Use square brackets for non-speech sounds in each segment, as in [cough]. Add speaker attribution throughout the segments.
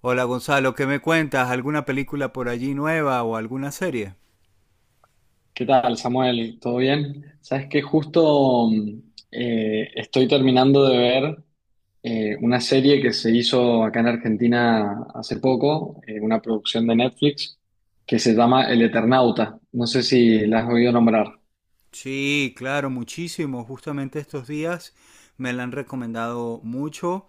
Speaker 1: Hola Gonzalo, ¿qué me cuentas? ¿Alguna película por allí nueva o alguna serie?
Speaker 2: ¿Qué tal, Samuel? ¿Todo bien? Sabes que justo estoy terminando de ver una serie que se hizo acá en Argentina hace poco, una producción de Netflix, que se llama El Eternauta. No sé si la has oído nombrar.
Speaker 1: Sí, claro, muchísimo. Justamente estos días me la han recomendado mucho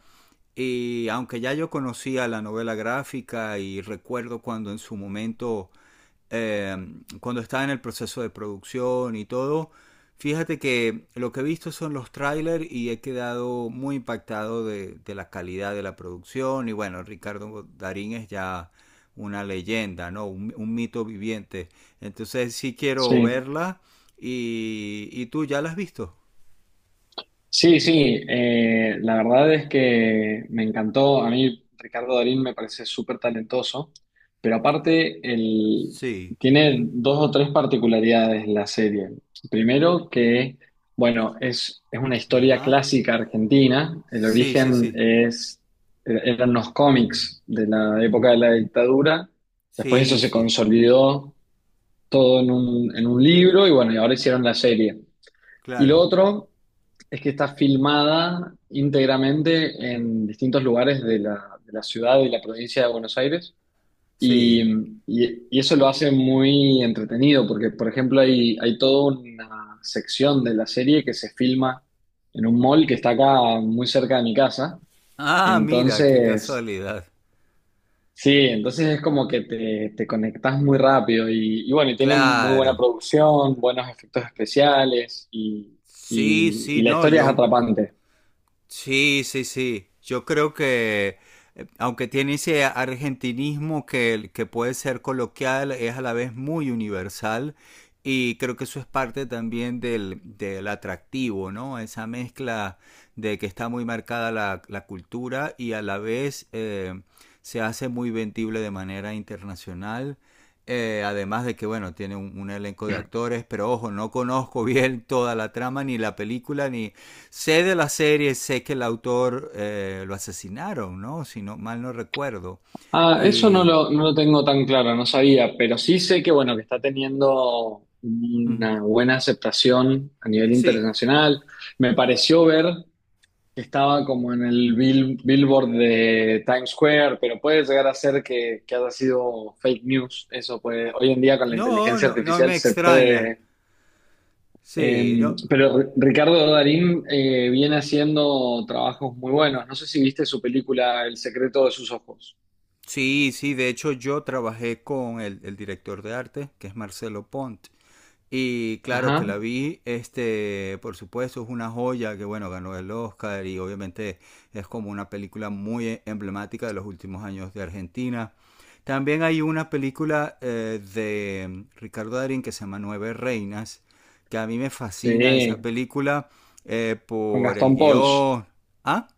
Speaker 1: y aunque ya yo conocía la novela gráfica y recuerdo cuando en su momento eh, cuando está en el proceso de producción y todo, fíjate que lo que he visto son los trailers y he quedado muy impactado de la calidad de la producción. Y bueno, Ricardo Darín es ya una leyenda, ¿no? Un mito viviente. Entonces sí quiero
Speaker 2: Sí.
Speaker 1: verla. Y tú ya la has visto.
Speaker 2: Sí, sí, la verdad es que me encantó. A mí Ricardo Darín me parece súper talentoso, pero aparte el-
Speaker 1: Sí.
Speaker 2: tiene dos o tres particularidades la serie. Primero que, bueno, es una historia
Speaker 1: Ajá.
Speaker 2: clásica argentina. El
Speaker 1: Sí, sí,
Speaker 2: origen
Speaker 1: sí.
Speaker 2: es, eran los cómics de la época de la dictadura. Después eso
Speaker 1: Sí,
Speaker 2: se
Speaker 1: sí.
Speaker 2: consolidó todo en un libro y bueno, y ahora hicieron la serie. Y lo
Speaker 1: Claro.
Speaker 2: otro... Es que está filmada íntegramente en distintos lugares de la ciudad y la provincia de Buenos Aires. Y,
Speaker 1: Sí.
Speaker 2: y eso lo hace muy entretenido, porque, por ejemplo, hay toda una sección de la serie que se filma en un mall que está acá muy cerca de mi casa.
Speaker 1: Ah, mira, qué
Speaker 2: Entonces,
Speaker 1: casualidad.
Speaker 2: sí, entonces es como que te conectás muy rápido. Y bueno, y tiene muy
Speaker 1: Claro.
Speaker 2: buena producción, buenos efectos especiales y,
Speaker 1: Sí,
Speaker 2: y
Speaker 1: sí,
Speaker 2: la
Speaker 1: no,
Speaker 2: historia es
Speaker 1: yo.
Speaker 2: atrapante.
Speaker 1: Sí, sí, sí. Yo creo que, aunque tiene ese argentinismo que puede ser coloquial, es a la vez muy universal y creo que eso es parte también del atractivo, ¿no? Esa mezcla de que está muy marcada la cultura y a la vez se hace muy vendible de manera internacional. Además de que, bueno, tiene un elenco de actores, pero ojo, no conozco [laughs] bien toda la trama, ni la película, ni, sé de la serie, sé que el autor lo asesinaron, ¿no? Si no, mal no recuerdo.
Speaker 2: Ah, eso no
Speaker 1: Y...
Speaker 2: lo, no lo tengo tan claro, no sabía, pero sí sé que, bueno, que está teniendo
Speaker 1: mm,
Speaker 2: una buena aceptación a nivel
Speaker 1: sí.
Speaker 2: internacional. Me pareció ver que estaba como en el bill- Billboard de Times Square, pero puede llegar a ser que haya sido fake news. Eso puede, hoy en día con la
Speaker 1: No,
Speaker 2: inteligencia
Speaker 1: no, no
Speaker 2: artificial
Speaker 1: me
Speaker 2: se
Speaker 1: extraña.
Speaker 2: puede...
Speaker 1: Sí, no.
Speaker 2: pero R- Ricardo Darín viene haciendo trabajos muy buenos. No sé si viste su película El secreto de sus ojos.
Speaker 1: Sí, sí, de hecho yo trabajé con el director de arte, que es Marcelo Pont, y claro que
Speaker 2: Ajá.
Speaker 1: la vi, este, por supuesto, es una joya que bueno, ganó el Oscar y obviamente es como una película muy emblemática de los últimos años de Argentina. También hay una película de Ricardo Darín que se llama Nueve Reinas, que a mí me fascina esa
Speaker 2: Sí,
Speaker 1: película
Speaker 2: con
Speaker 1: por el
Speaker 2: Gastón Pauls.
Speaker 1: guión. ¿Ah?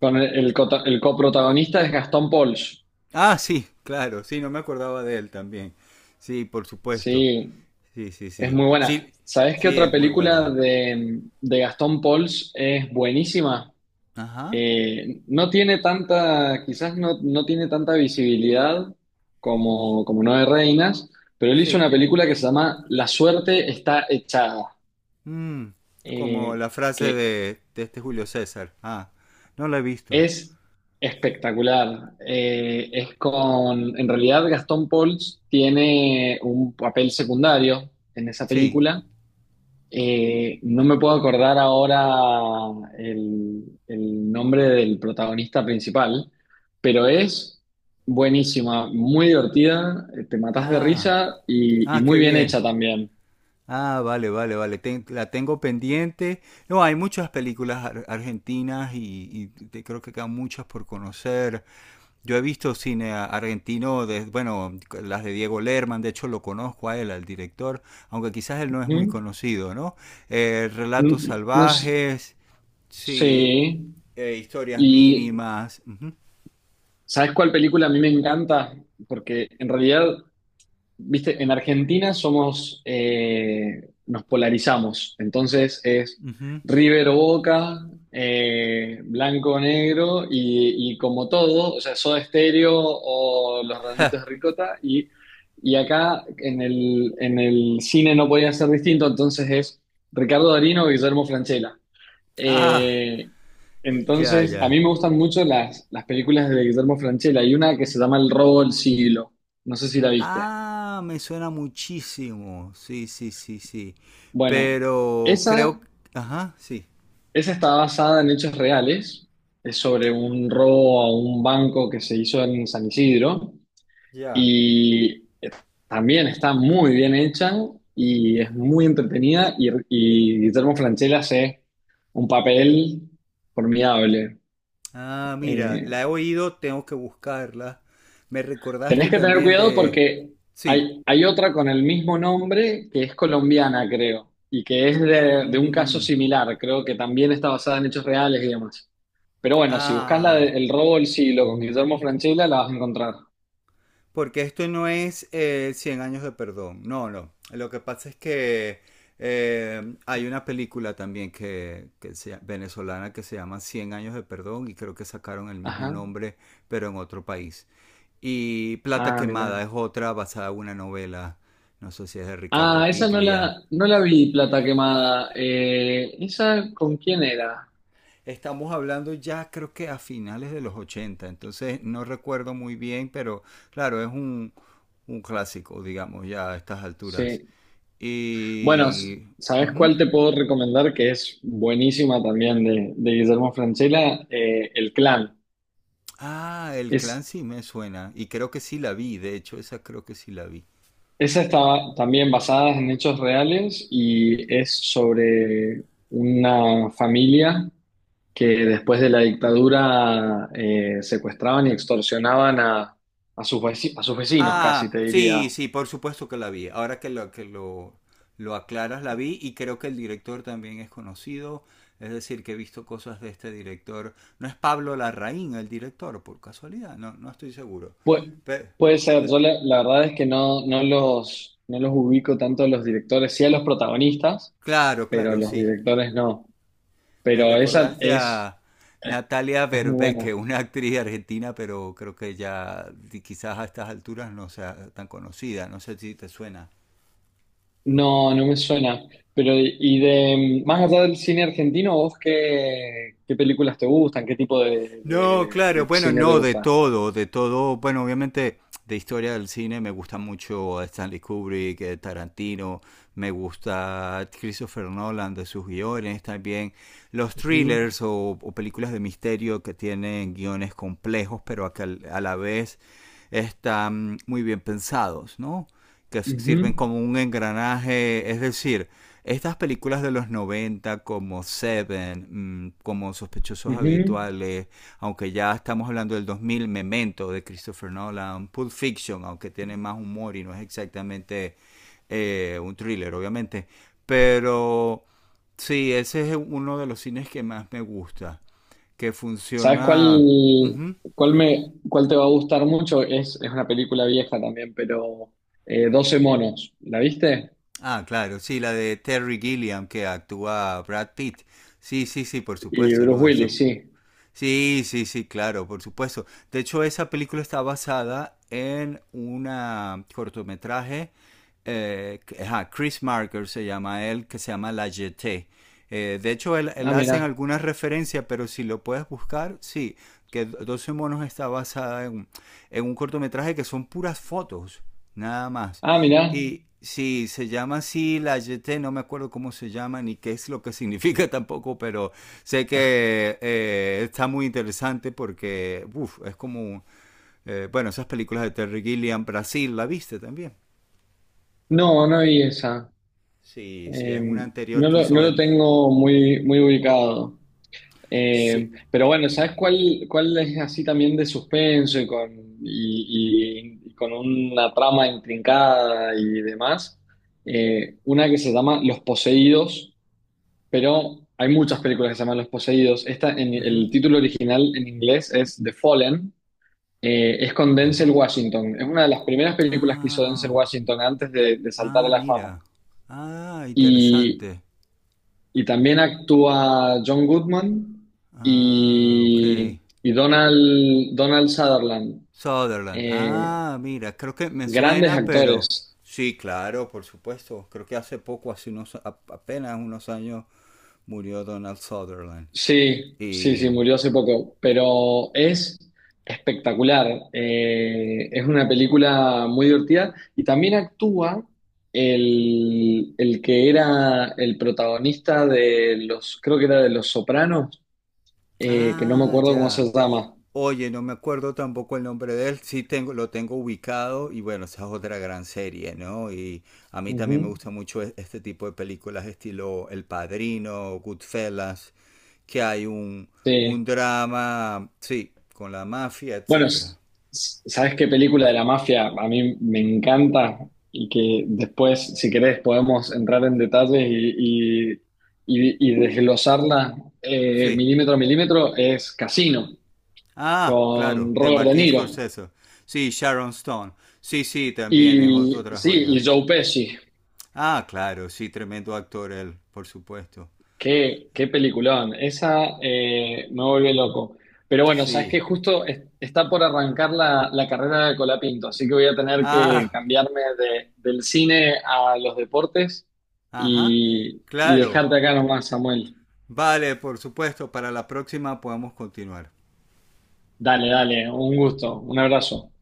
Speaker 2: Con el cota- el coprotagonista es Gastón Pauls.
Speaker 1: Ah, sí, claro, sí, no me acordaba de él también. Sí, por supuesto.
Speaker 2: Sí,
Speaker 1: Sí, sí,
Speaker 2: es
Speaker 1: sí.
Speaker 2: muy buena.
Speaker 1: Sí,
Speaker 2: ¿Sabés qué
Speaker 1: sí,
Speaker 2: otra
Speaker 1: es muy
Speaker 2: película
Speaker 1: buena.
Speaker 2: de Gastón Pauls es buenísima?
Speaker 1: Ajá.
Speaker 2: No tiene tanta, quizás no tiene tanta visibilidad como Nueve Reinas, pero él hizo
Speaker 1: Sí.
Speaker 2: una película que se llama La suerte está echada,
Speaker 1: Mm, como
Speaker 2: eh,
Speaker 1: la frase
Speaker 2: que
Speaker 1: de este Julio César. Ah, no la he visto.
Speaker 2: Es espectacular. Es con, en realidad, Gastón Pauls tiene un papel secundario en esa
Speaker 1: Sí.
Speaker 2: película. No me puedo acordar ahora el nombre del protagonista principal, pero es buenísima, muy divertida, te matas de
Speaker 1: Ah,
Speaker 2: risa
Speaker 1: ah,
Speaker 2: y muy
Speaker 1: qué
Speaker 2: bien
Speaker 1: bien.
Speaker 2: hecha también.
Speaker 1: Ah, vale, vale, vale. La tengo pendiente. No, hay muchas películas argentinas y creo que quedan muchas por conocer. Yo he visto cine argentino, de, bueno, las de Diego Lerman, de hecho lo conozco a él, al director, aunque quizás él no es muy
Speaker 2: Ujú.
Speaker 1: conocido, ¿no? Eh,
Speaker 2: No,
Speaker 1: relatos
Speaker 2: no s-
Speaker 1: salvajes, sí,
Speaker 2: sí.
Speaker 1: historias
Speaker 2: Y
Speaker 1: mínimas. Uh -huh,
Speaker 2: ¿sabes cuál película a mí me encanta? Porque en realidad, viste, en Argentina somos, nos polarizamos. Entonces es
Speaker 1: uh -huh.
Speaker 2: River o Boca, blanco o negro, y como todo, o sea, Soda Stereo o Los Redonditos de Ricota. Y acá en el cine no podía ser distinto, entonces es Ricardo Darín o Guillermo Francella.
Speaker 1: Ah,
Speaker 2: Eh,
Speaker 1: ya,
Speaker 2: entonces, a
Speaker 1: ya.
Speaker 2: mí me gustan mucho las películas de Guillermo Francella. Hay una que se llama El robo del siglo. No sé si la viste.
Speaker 1: Ah, me suena muchísimo, sí, sí, sí, sí.
Speaker 2: Bueno,
Speaker 1: Pero
Speaker 2: esa,
Speaker 1: creo, ajá, sí,
Speaker 2: esa está basada en hechos reales. Es sobre un robo a un banco que se hizo en San Isidro.
Speaker 1: ya.
Speaker 2: Y también está muy bien hecha y es muy entretenida. Y Guillermo Francella hace un papel formidable.
Speaker 1: Ah, mira,
Speaker 2: Eh,
Speaker 1: la he oído, tengo que buscarla. Me recordaste
Speaker 2: Tenés que tener
Speaker 1: también
Speaker 2: cuidado
Speaker 1: de...
Speaker 2: porque
Speaker 1: Sí.
Speaker 2: hay otra con el mismo nombre que es colombiana, creo, y que es de un caso
Speaker 1: Mm,
Speaker 2: similar, creo que también está basada en hechos reales y demás. Pero bueno, si buscas la
Speaker 1: ah,
Speaker 2: de El robo del siglo con Guillermo Francella, la vas a encontrar.
Speaker 1: porque esto no es 100 años de perdón. No, no. Lo que pasa es que hay una película también que venezolana que se llama 100 años de perdón y creo que sacaron el mismo
Speaker 2: Ajá.
Speaker 1: nombre, pero en otro país. Y Plata
Speaker 2: Ah,
Speaker 1: Quemada
Speaker 2: mira.
Speaker 1: es otra basada en una novela, no sé si es de
Speaker 2: Ah,
Speaker 1: Ricardo
Speaker 2: esa no
Speaker 1: Piglia.
Speaker 2: la, no la vi, Plata Quemada. ¿Esa con quién era?
Speaker 1: Estamos hablando ya creo que a finales de los 80 entonces no recuerdo muy bien, pero claro, es un clásico, digamos, ya a estas alturas.
Speaker 2: Sí. Bueno, s-
Speaker 1: Y...
Speaker 2: ¿sabes
Speaker 1: ujú.
Speaker 2: cuál te puedo recomendar que es buenísima también de Guillermo Francella? El Clan.
Speaker 1: Ah, el
Speaker 2: Es
Speaker 1: clan sí me suena, y creo que sí la vi, de hecho, esa creo que sí la vi.
Speaker 2: Esa está también basada en hechos reales y es sobre una familia que después de la dictadura secuestraban y extorsionaban a sus veci- a sus vecinos, casi
Speaker 1: Ah,
Speaker 2: te diría.
Speaker 1: sí, sí, por supuesto que la vi. Ahora lo aclaras, la vi y creo que el director también es conocido. Es decir, que he visto cosas de este director. No es Pablo Larraín el director, por casualidad, no, no estoy seguro.
Speaker 2: Pu-
Speaker 1: Pe-
Speaker 2: puede ser,
Speaker 1: pe-
Speaker 2: yo la, la verdad es que no, no los ubico tanto a los directores, sí a los protagonistas,
Speaker 1: claro,
Speaker 2: pero
Speaker 1: claro,
Speaker 2: los
Speaker 1: sí.
Speaker 2: directores no.
Speaker 1: Me
Speaker 2: Pero esa
Speaker 1: recordaste a
Speaker 2: es,
Speaker 1: Natalia
Speaker 2: es muy
Speaker 1: Berbeque,
Speaker 2: buena.
Speaker 1: una actriz argentina, pero creo que ya quizás a estas alturas no sea tan conocida. No sé si te suena.
Speaker 2: No, no me suena. Pero, y de más allá del cine argentino, ¿vos qué, qué películas te gustan? ¿Qué tipo
Speaker 1: No, claro,
Speaker 2: de
Speaker 1: bueno,
Speaker 2: cine te
Speaker 1: no, de
Speaker 2: gusta?
Speaker 1: todo, de todo. Bueno, obviamente de historia del cine me gusta mucho Stanley Kubrick, Tarantino, me gusta Christopher Nolan de sus guiones también. Los
Speaker 2: Ujú,
Speaker 1: thrillers o películas de misterio que tienen guiones complejos, pero que a la vez están muy bien pensados, ¿no? Que
Speaker 2: ujú,
Speaker 1: sirven como un engranaje, es decir, estas películas de los 90 como Seven, como Sospechosos
Speaker 2: ujú.
Speaker 1: Habituales, aunque ya estamos hablando del 2000, Memento de Christopher Nolan, Pulp Fiction, aunque tiene más humor y no es exactamente un thriller, obviamente, pero sí, ese es uno de los cines que más me gusta, que
Speaker 2: ¿Sabes cuál,
Speaker 1: funciona... Ujú.
Speaker 2: cuál me, cuál te va a gustar mucho? Es una película vieja también, pero 12 monos. ¿La viste?
Speaker 1: Ah, claro, sí, la de Terry Gilliam que actúa Brad Pitt. Sí, sí, sí, por
Speaker 2: Y
Speaker 1: supuesto,
Speaker 2: Bruce
Speaker 1: ¿no? Eso.
Speaker 2: Willis, sí.
Speaker 1: Sí, sí, sí, claro, por supuesto. De hecho, esa película está basada en una cortometraje, ajá, Chris Marker se llama él, que se llama La Jetée. De hecho, él
Speaker 2: Ah,
Speaker 1: hace
Speaker 2: mira.
Speaker 1: alguna referencia, pero si lo puedes buscar, sí, que 12 monos está basada en un cortometraje que son puras fotos, nada más.
Speaker 2: Ah, mira.
Speaker 1: Y sí, se llama así la YT, no me acuerdo cómo se llama ni qué es lo que [laughs] significa tampoco, pero sé que está muy interesante porque, uf, es como, bueno, esas películas de Terry Gilliam, Brasil, ¿la viste también?
Speaker 2: No, no vi esa.
Speaker 1: Sí, sí,
Speaker 2: Eh,
Speaker 1: es una anterior
Speaker 2: no
Speaker 1: que
Speaker 2: lo, no
Speaker 1: hizo
Speaker 2: lo
Speaker 1: él.
Speaker 2: tengo muy, muy ubicado.
Speaker 1: Sí.
Speaker 2: Pero bueno, ¿sabes cuál, cuál es así también de suspenso y con, y con una trama intrincada y demás? Una que se llama Los Poseídos, pero hay muchas películas que se llaman Los Poseídos. Esta, en,
Speaker 1: Ujú.
Speaker 2: el título original en inglés es The Fallen, es con Denzel
Speaker 1: Ajá.
Speaker 2: Washington. Es una de las primeras
Speaker 1: Ah,
Speaker 2: películas que
Speaker 1: ah,
Speaker 2: hizo Denzel
Speaker 1: ah.
Speaker 2: Washington antes de saltar a
Speaker 1: Ah,
Speaker 2: la fama.
Speaker 1: mira. Ah, interesante.
Speaker 2: Y también actúa John Goodman
Speaker 1: Ah, ok.
Speaker 2: y Donald, Donald Sutherland.
Speaker 1: Sutherland.
Speaker 2: Eh,
Speaker 1: Ah, mira, creo que me
Speaker 2: grandes
Speaker 1: suena, pero
Speaker 2: actores.
Speaker 1: sí, claro, por supuesto. Creo que hace poco, hace unos apenas unos años murió Donald Sutherland.
Speaker 2: Sí, sí,
Speaker 1: Y
Speaker 2: sí, murió hace poco, pero es espectacular. Es una película muy divertida y también actúa el que era el protagonista de los, creo que era de Los Sopranos, que no me
Speaker 1: ah,
Speaker 2: acuerdo cómo
Speaker 1: ya.
Speaker 2: se llama.
Speaker 1: Oye, no me acuerdo tampoco el nombre de él. Sí tengo, lo tengo ubicado y bueno, esa es otra gran serie, ¿no? Y a mí también me
Speaker 2: Ujú.
Speaker 1: gusta mucho este tipo de películas estilo El Padrino, Goodfellas, que hay un
Speaker 2: Sí.
Speaker 1: un drama, sí, con la mafia,
Speaker 2: Bueno,
Speaker 1: etcétera.
Speaker 2: s- s- ¿sabes qué película de la mafia a mí me encanta? Y que después, si querés, podemos entrar en detalles y, y desglosarla
Speaker 1: Sí,
Speaker 2: milímetro a milímetro, es Casino,
Speaker 1: ah,
Speaker 2: con
Speaker 1: claro, de
Speaker 2: Robert De
Speaker 1: Martín
Speaker 2: Niro.
Speaker 1: Scorsese. Sí, Sharon Stone. Sí, sí, también es
Speaker 2: Y
Speaker 1: otra
Speaker 2: sí,
Speaker 1: joya.
Speaker 2: y Joe Pesci.
Speaker 1: Ah, claro, sí, tremendo actor él, por supuesto.
Speaker 2: Qué, qué peliculón, esa me vuelve loco. Pero bueno, sabes
Speaker 1: Sí.
Speaker 2: que justo es- está por arrancar la, la carrera de Colapinto, así que voy a tener que
Speaker 1: Ah,
Speaker 2: cambiarme de- del cine a los deportes
Speaker 1: ajá.
Speaker 2: y
Speaker 1: Claro.
Speaker 2: dejarte acá nomás, Samuel.
Speaker 1: Vale, por supuesto, para la próxima podemos continuar.
Speaker 2: Dale, dale, un gusto, un abrazo.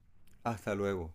Speaker 1: Hasta luego.